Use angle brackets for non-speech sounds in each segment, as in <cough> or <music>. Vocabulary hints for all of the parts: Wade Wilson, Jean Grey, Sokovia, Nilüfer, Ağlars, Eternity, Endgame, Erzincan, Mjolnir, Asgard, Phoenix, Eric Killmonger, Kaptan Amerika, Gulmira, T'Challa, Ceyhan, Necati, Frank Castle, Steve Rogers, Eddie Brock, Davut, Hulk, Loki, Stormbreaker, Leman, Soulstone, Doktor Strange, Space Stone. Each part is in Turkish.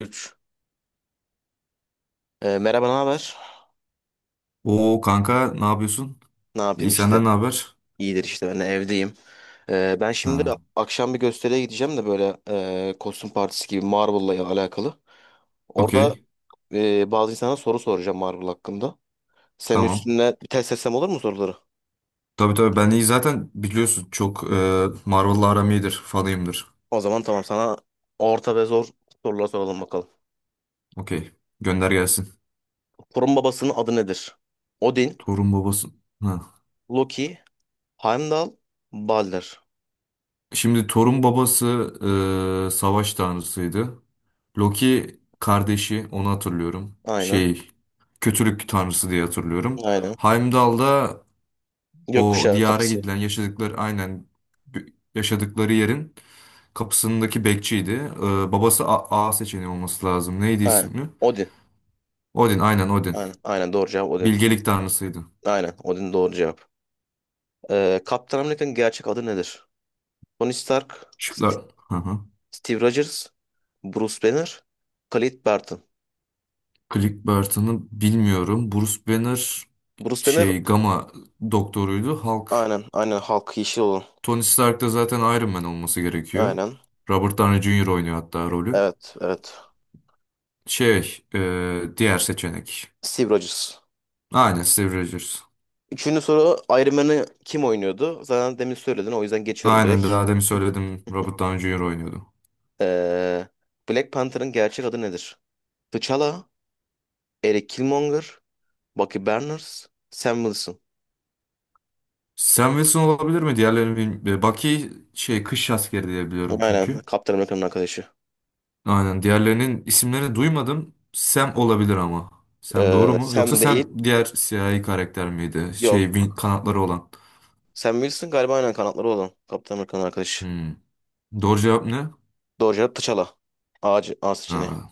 3. merhaba, ne haber? Oo kanka ne yapıyorsun? Ne İyi yapayım işte? senden ne haber? İyidir işte ben de evdeyim. Ben şimdi Ha, akşam bir gösteriye gideceğim de böyle kostüm partisi gibi Marvel'la alakalı. Orada okey, bazı insana soru soracağım Marvel hakkında. Senin tamam. üstüne bir test etsem olur mu soruları? Tabii tabii ben iyi, zaten biliyorsun çok Marvel'la aram iyidir, fanıyımdır. O zaman tamam sana orta ve zor sorular soralım bakalım. Okey, gönder gelsin. Thor'un babasının adı nedir? Odin, Torun babası. Ha. Loki, Heimdall, Balder. Şimdi Torun babası savaş tanrısıydı. Loki kardeşi, onu hatırlıyorum. Aynen. Kötülük tanrısı diye hatırlıyorum. Aynen. Heimdall da o Gökkuşağı diyara kapısı. gidilen, yaşadıkları aynen b- yaşadıkları yerin kapısındaki bekçiydi. Babası A, A seçeneği olması lazım. Neydi Aynen. ismi? Odin. Odin, aynen Odin. Aynen. Aynen doğru cevap Odin. Bilgelik tanrısıydı. Aynen. Odin doğru cevap. Kaptan Amerika'nın gerçek adı nedir? Tony Stark, Şıklar. Hı hı. Steve Rogers, Bruce Banner, Clint Barton. Click Barton'ı bilmiyorum. Bruce Banner Bruce Banner Gamma doktoruydu. Hulk. aynen aynen Hulk yeşil olan. Tony Stark da zaten Iron Man olması gerekiyor. Aynen. Robert Downey Jr. oynuyor hatta rolü. Evet evet. Diğer seçenek. Steve Rogers. Aynen Steve Rogers. Üçüncü soru Iron Man'ı kim oynuyordu? Zaten demin söyledin o yüzden geçiyorum Aynen direkt. daha demin söyledim. Robert Downey Jr. oynuyordu. Ee, Black Panther'ın gerçek adı nedir? T'Challa, Eric Killmonger, Bucky Barnes, Sam Wilson. Sam Wilson olabilir mi? Diğerlerini bilmiyorum. Bucky kış askeri diye biliyorum Aynen çünkü. Kaptan Amerika'nın arkadaşı. Aynen, diğerlerinin isimlerini duymadım. Sam olabilir ama. Sam doğru mu? Yoksa Sam değil. Sam diğer siyahi karakter miydi? Yok Kanatları olan. Sam Wilson galiba aynen kanatları olan. Kaptan Amerika'nın arkadaşı. Hmm. Doğru cevap ne? Doğru cevap T'Challa. A seçeneği. Ha,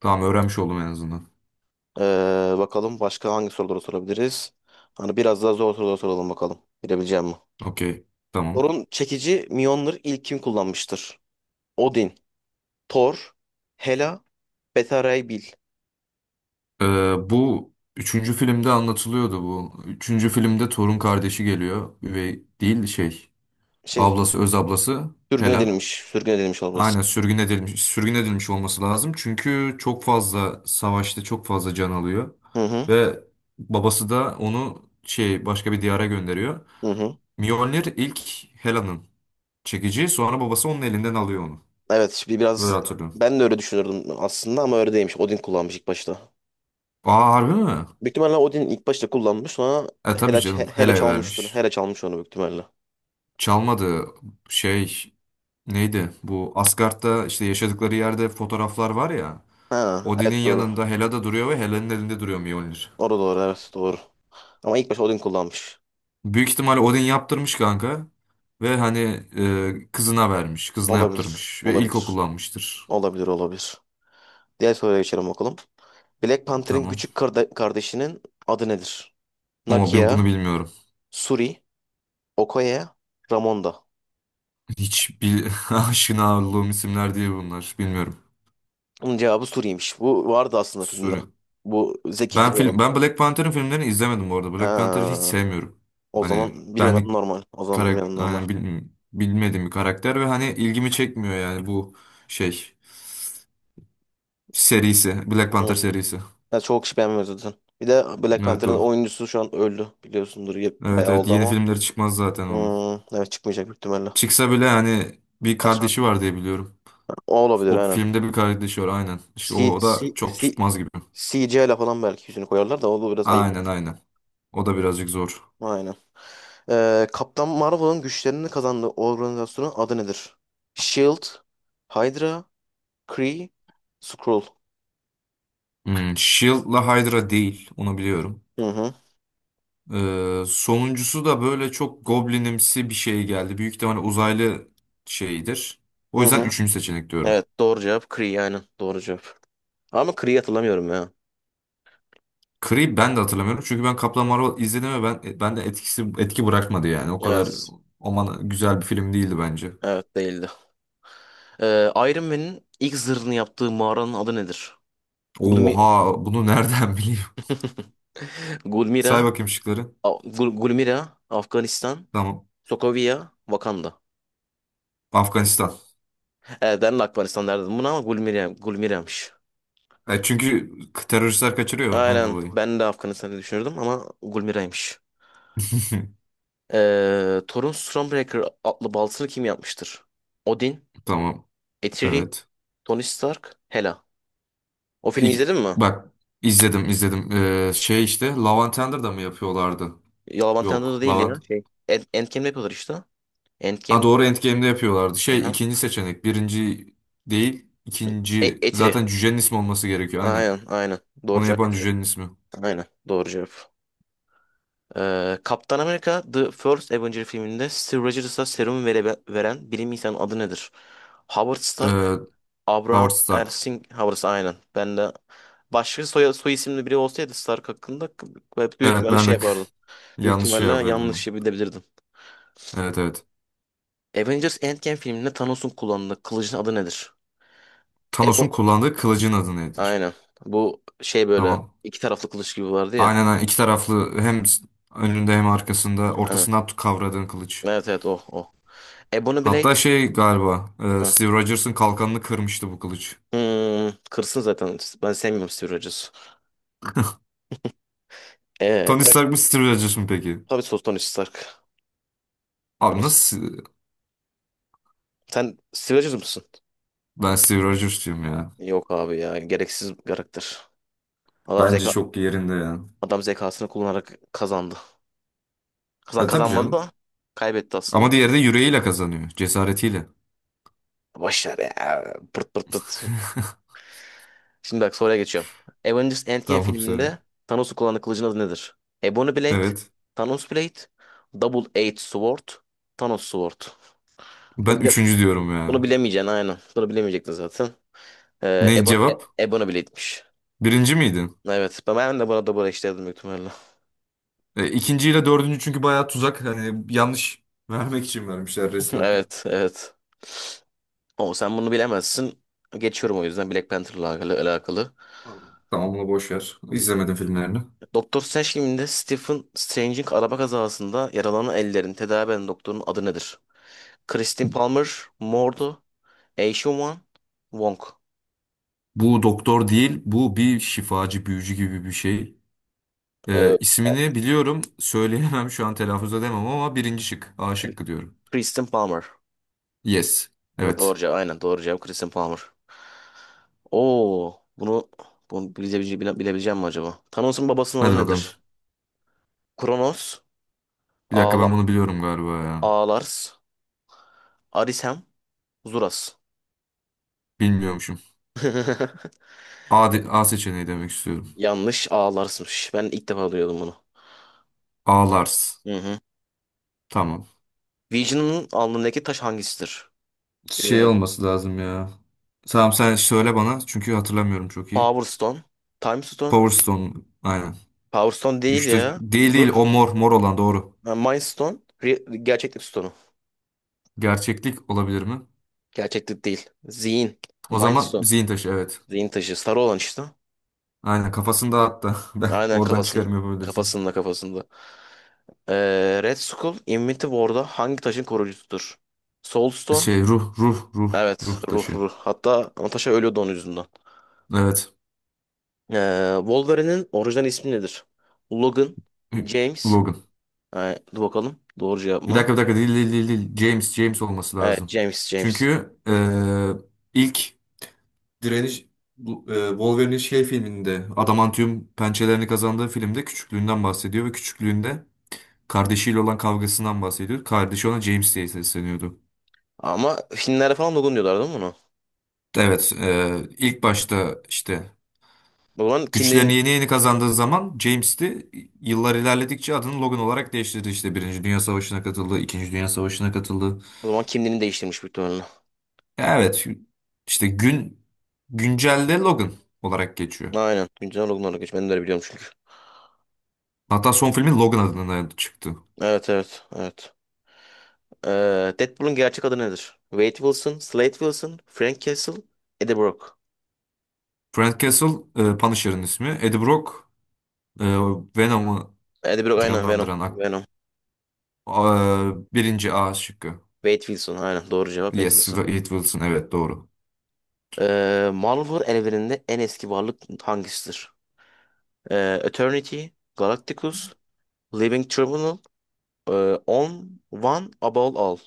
tamam, öğrenmiş oldum en azından. Bakalım başka hangi soruları sorabiliriz? Hani biraz daha zor sorular soralım bakalım. Bilebileceğim mi? Okey. Tamam. Thor'un çekici Mjolnir ilk kim kullanmıştır? Odin, Thor, Hela, Beta Ray Bill. Ee, bu üçüncü filmde anlatılıyordu bu. Üçüncü filmde torun kardeşi geliyor. Üvey değil şey. Şey, Ablası, öz ablası sürgün Hela. edilmiş. Sürgün edilmiş olması. Aynen sürgün edilmiş, sürgün edilmiş olması lazım. Çünkü çok fazla savaşta çok fazla can alıyor. Hı hı. Ve babası da onu başka bir diyara gönderiyor. Hı hı. Mjolnir ilk Hela'nın çekici, sonra babası onun elinden alıyor onu. Evet, şimdi Öyle biraz hatırlıyorum. ben de öyle düşünürdüm aslında ama öyle değilmiş. Odin kullanmış ilk başta. Aa, harbi mi? Büyük ihtimalle Odin ilk başta kullanmış sonra E tabii Hela, canım, Hela Hela'ya çalmıştır. vermiş. Hela çalmış onu büyük ihtimalle. Çalmadı, şey neydi? Bu Asgard'da işte yaşadıkları yerde fotoğraflar var ya. Ha, Odin'in evet doğru. yanında Hela da duruyor ve Hela'nın elinde duruyor Mjolnir. Doğru doğru evet doğru. Ama ilk başta Odin kullanmış. Büyük ihtimal Odin yaptırmış kanka. Ve hani kızına vermiş. Kızına Olabilir. yaptırmış. Ve ilk Olabilir. kullanmıştır. Olabilir olabilir. Diğer soruya geçelim bakalım. Black Panther'in Tamam. küçük kardeşinin adı nedir? Ama ben Nakia, bunu bilmiyorum. Suri, Okoye, Ramonda. Hiç bil <laughs> aşina olduğum isimler değil bunlar. Bilmiyorum. Bunun cevabı Suri'ymiş. Bu vardı aslında filmde. Sorry. Bu Zeki Kıl Ben olan. film, ben Black Panther'ın filmlerini izlemedim bu arada. Ha, Black Panther'ı hiç sevmiyorum. o Hani zaman bilmemem benlik normal. O zaman bilmemem karakter, normal. yani bilmediğim bir karakter ve hani ilgimi çekmiyor yani bu şey serisi. Black Panther serisi. Ya çok kişi beğenmiyor zaten. Bir de Black Evet, Panther'ın o. oyuncusu şu an öldü biliyorsundur. Evet Bayağı evet, oldu yeni ama. filmleri çıkmaz zaten onun. Hmm, evet çıkmayacak büyük ihtimalle. Çıksa bile hani bir Aslında kardeşi var diye biliyorum. o olabilir O aynen. filmde bir kardeşi var aynen. İşte C, o da C, C, çok C tutmaz gibi. CGI ile falan belki yüzünü koyarlar da o da biraz ayıp Aynen olur. aynen. O da birazcık zor. Aynen. Kaptan Marvel'ın güçlerini kazandığı organizasyonun adı nedir? Shield, Hydra, Kree, Skrull. Hmm, Shield'la Hydra değil. Onu biliyorum. Hı hı. Sonuncusu da böyle çok goblinimsi bir şey geldi. Büyük ihtimalle uzaylı şeyidir. O Hı yüzden hı. üçüncü seçenek diyorum. Evet doğru cevap Kree aynen doğru cevap. Ama Kree'yi hatırlamıyorum ya. Creed ben de hatırlamıyorum. Çünkü ben Kaplan Marvel izledim ve ben de etki bırakmadı yani. O kadar Evet. aman güzel bir film değildi bence. Evet değildi. Iron Man'in ilk zırhını yaptığı mağaranın adı nedir? Gulmi Oha, bunu nereden <laughs> bileyim? <laughs> Say Gulmira, bakayım şıkları. Gulmira, Afganistan, Tamam. Sokovia, Wakanda. Afganistan. Evet ben de Afganistan derdim buna ama Gulmira, Gulmira'ymış. E, çünkü teröristler kaçırıyor ondan Aynen dolayı. ben de Afganistanı düşünürdüm ama Gulmira'ymış. <laughs> Thor'un Stormbreaker adlı baltasını kim yapmıştır? Odin, Tamam. Eitri, Evet. Tony Stark, Hela. O filmi izledin mi? bak, izledim izledim. İşte Lavantender'da mı yapıyorlardı? Yalan Tanrı da Yok. değil Lavant. ya. Şey. Endgame'de yapıyorlar işte. Ha Endgame'de. doğru, Endgame'de yapıyorlardı. Şey Aha. ikinci seçenek. Birinci değil, ikinci. Eitri. Zaten cücenin ismi olması gerekiyor. Aynen. Aynen aynen. Doğru Onu cevap yapan getir. cücenin ismi. Aynen doğru cevap. Kaptan Amerika The First Avenger filminde Steve Rogers'a serumu veren bilim insanının adı nedir? Howard Stark, Ee, Howard Abraham Stark. Erskine Howard aynen. Ben de başka soy isimli biri olsaydı Stark hakkında büyük Evet ihtimalle ben şey de yapardım. <laughs> Büyük yanlış ihtimalle cevap yanlış verdim. bilebilirdim. Evet evet. Avengers Endgame filminde Thanos'un kullandığı kılıcın adı nedir? Bu Thanos'un kullandığı kılıcın adı nedir? aynen. Bu şey böyle Tamam. iki taraflı kılıç gibi vardı ya. Aynen aynen, iki taraflı, hem önünde hem arkasında Aynen. ortasından kavradığın kılıç. Evet evet o o. Ebony Blade. Hatta şey galiba Hı. Steve Rogers'ın kalkanını kırmıştı bu kılıç. Hmm, kırsın zaten. Ben sevmiyorum Steve Rogers'ı. Ee, Tony e, Stark mı Steve Rogers mı peki? tabii sos Tony Stark. Tony Abi Stark. nasıl? Sen Steve Rogers mısın? Ben Steve Rogers'cıyım ya. Yok abi ya. Gereksiz bir karakter. Adam Bence zeka çok yerinde ya. adam zekasını kullanarak kazandı. Kazan E tabii kazanmadı canım. da kaybetti aslında. Ama diğeri de yüreğiyle kazanıyor. Cesaretiyle. Boş ver ya. Pırt pırt pırt. Şimdi bak soruya geçiyorum. Avengers Endgame Tamam söyle. filminde Thanos'un kullandığı kılıcın adı nedir? Ebony Blade, Evet. Thanos Blade, Double Edged Sword, Thanos Sword. Ben O üçüncü diyorum Bunu ya. bilemeyeceksin aynen. Bunu bilemeyecektin zaten. Ne cevap? Ebon'a bile gitmiş. Birinci miydin? Evet. Ben de burada burada işlerdim büyük ihtimalle. E, ikinciyle dördüncü çünkü bayağı tuzak. Hani yanlış vermek için vermişler <laughs> resmen. Evet. Evet. O sen bunu bilemezsin. Geçiyorum o yüzden Black Panther'la alakalı, alakalı. Tamam, onu boş ver. İzlemedim filmlerini. Doktor Strange filminde Stephen Strange'in araba kazasında yaralanan ellerin tedavi eden doktorun adı nedir? Christine Palmer, Mordo, Eishun Wong. Bu doktor değil, bu bir şifacı, büyücü gibi bir şey. Ee, İsmini biliyorum, söyleyemem şu an, telaffuz edemem ama birinci şık, A Kr- şıkkı diyorum. Kristen Palmer. Yes, evet. Doğru cevap. Aynen doğru cevap Kristen Palmer. Oo, bunu bilebileceğim, bilebileceğim mi acaba? Thanos'un babasının adı Hadi bakalım. nedir? Kronos, Bir dakika, Ağla, ben bunu biliyorum galiba ya. Ağlars, Arisem, Zuras. Bilmiyormuşum. <laughs> A seçeneği demek istiyorum. Yanlış, Ağlars'mış. Ben ilk defa duyuyordum bunu. A Lars. Hı hı. Tamam. Vision'ın alnındaki taş hangisidir? Şey Ee, olması lazım ya. Tamam, sen söyle bana çünkü hatırlamıyorum çok iyi. Power Stone, Time Stone. Power Stone, aynen. Power Stone değil Güçte ya. Bir değil, dur. o mor mor olan doğru. Ha, Mind Stone, gerçeklik Stone'u. Gerçeklik olabilir mi? Gerçeklik değil. Zihin, O Mind zaman Stone. zihin taşı, evet. Zihin taşı. Sarı olan işte. Aynen, kafasında hatta <laughs> ben Aynen oradan kafasında. çıkarım yapabilirsin. Kafasında kafasında. Red Skull Infinity War'da hangi taşın koruyucusudur? Soulstone. Şey ruh ruh ruh Evet. ruh Ruh taşı. ruh. Hatta Natasha ölüyordu onun yüzünden. Evet. Wolverine'in orijinal ismi nedir? Logan. James. Logan. Dur bakalım. Doğru cevap Bir mı? dakika bir dakika, değil. James, James olması Evet. lazım. James. James. Çünkü ilk direniş Wolverine'in şey filminde adamantium pençelerini kazandığı filmde küçüklüğünden bahsediyor ve küçüklüğünde kardeşiyle olan kavgasından bahsediyor. Kardeşi ona James diye sesleniyordu. Ama Finlerde falan Logan diyorlar değil mi bunu? Evet, ilk başta işte O zaman güçlerini kimliğin, yeni yeni kazandığı zaman James, de yıllar ilerledikçe adını Logan olarak değiştirdi. İşte Birinci Dünya Savaşı'na katıldı, İkinci Dünya Savaşı'na katıldı. o zaman kimliğini değiştirmiş muhtemelen. Evet, işte güncelde Logan olarak geçiyor. Aynen. Güncel Logan olarak geç. Ben de öyle biliyorum çünkü. Hatta son filmi Logan adına çıktı. Evet evet. Evet. Deadpool'un gerçek adı nedir? Wade Wilson, Slade Wilson, Frank Castle, Eddie Brock. Frank Castle, Punisher'ın ismi. Eddie Brock, e, Venom'u Eddie Brock aynen Venom. canlandıran Venom. Birinci A şıkkı. Wade Wilson aynen doğru cevap Wade Yes, Wilson. Wade Wilson, evet doğru. Marvel evreninde en eski varlık hangisidir? Eternity, Galacticus, Living Tribunal, ee, One, Above All.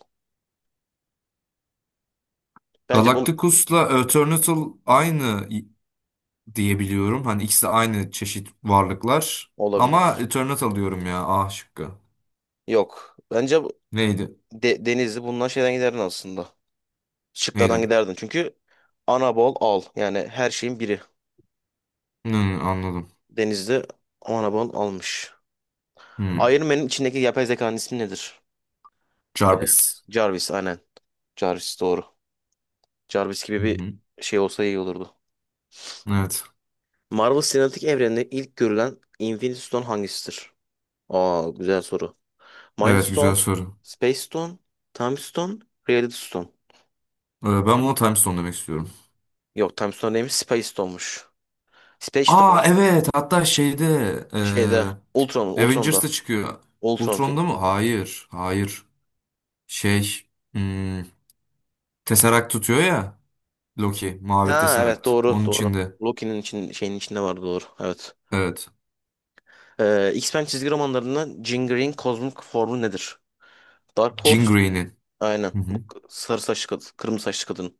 Bence bu Galacticus'la Eternatus aynı diyebiliyorum. Hani ikisi de aynı çeşit varlıklar. Ama olabilir. Eternatus alıyorum ya. A şıkkı. Yok. Neydi? Denizli bundan şeyden giderdin aslında. Şıklardan Neydi? giderdin. Çünkü Anabol al. Yani her şeyin biri. Hmm, anladım. Denizli Anabol almış. Hmm. Iron Man'in içindeki yapay zekanın ismi nedir? Jarvis. Jarvis aynen. Jarvis doğru. Jarvis gibi Hı bir hı. şey olsa iyi olurdu. Evet. Marvel Sinematik Evreni'nde ilk görülen Infinity Stone hangisidir? Aa güzel soru. Mind Evet, güzel Stone, soru. Space Stone, Time Stone, Reality Stone. Ben buna Time Stone demek istiyorum. Yok Time Stone değilmiş Space Stone'muş. Space Aa Stone evet, hatta şeyde Avengers'ta Ultron'da. çıkıyor. Ultron film. Ultron'da mı? Hayır. Hayır. Şey hmm, Tesseract tutuyor ya Loki. Mavi Ha evet Tesseract. doğru Onun doğru. içinde. Şeyin içinde vardı doğru. Evet. Evet. X-Men çizgi romanlarında Jean Grey'in kozmik formu nedir? Dark Jean. Horse, Hı aynen. Bu hı. Sarı saçlı kadın, kırmızı saçlı kadın.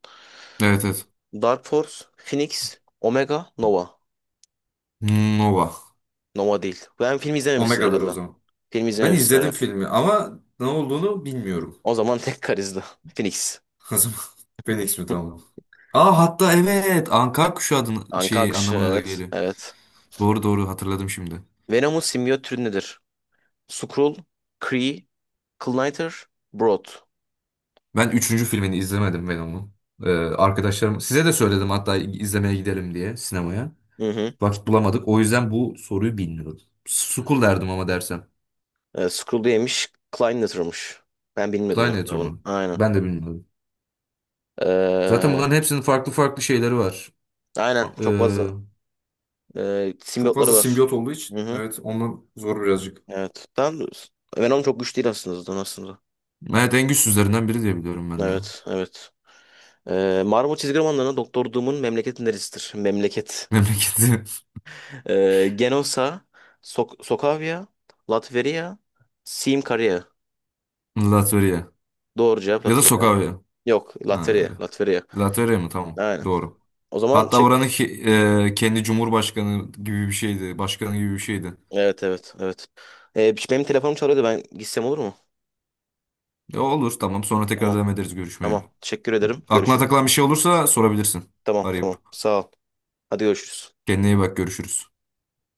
Evet evet. Dark Force, Phoenix, Omega, Nova. Nova. Nova değil. Ben film izlememişsin Omega'dır o herhalde. zaman. Film Ben izlememişsin izledim herhalde. filmi ama ne olduğunu bilmiyorum. O <laughs> zaman <laughs> tek karizdi. Phoenix. O zaman Phoenix mi, tamam mı? Aa hatta evet, Anka kuşu adını Anka şey kuşu anlamına da evet. geliyor. Evet. Doğru doğru, hatırladım şimdi. Venom'un simyot türü nedir? Skrull, Kree, Klyniter, Brood. Ben üçüncü filmini izlemedim Venom'un. Arkadaşlarım size de söyledim hatta, izlemeye gidelim diye sinemaya. Hı hı. Vakit bulamadık. O yüzden bu soruyu bilmiyordum. Sukul derdim ama dersem. Skrull yemiş, Klyniter'mış. Ben bilmiyordum Kleinheiter mesela bunu. mı? Aynen. Ben de bilmiyordum. Zaten Ee, bunların hepsinin farklı farklı şeyleri var. aynen. A- e, Çok fazla Çok simyotları fazla var. simbiyot olduğu için Hı hı. evet ondan zor birazcık. Evet. Venom çok güçlü değil aslında zaten aslında. Evet, en güçsüzlerinden biri diye biliyorum ben de. Evet, evet. Marvel çizgi romanlarına Doktor Doom'un memleketi neresidir? Memleket. Memleketi <laughs> Genosa, Sokavia, Latveria, Sim <laughs> Latvia. Doğru cevap Ya da Latveria. Sokavya. Yok, Ha, ya Latveria, da- Latveria. Latvia mı? Tamam. Aynen. Doğru. O zaman Hatta çek... oranın kendi cumhurbaşkanı gibi bir şeydi. Başkanı gibi bir şeydi. Evet, evet, evet. Benim telefonum çalıyordu. Ben gitsem olur mu? Ya olur tamam, sonra tekrar Tamam, devam ederiz görüşmeye. tamam. Teşekkür ederim. Aklına Görüşürüz. takılan bir şey olursa sorabilirsin. Tamam, Arayıp. tamam. Sağ ol. Hadi görüşürüz. Kendine iyi bak, görüşürüz.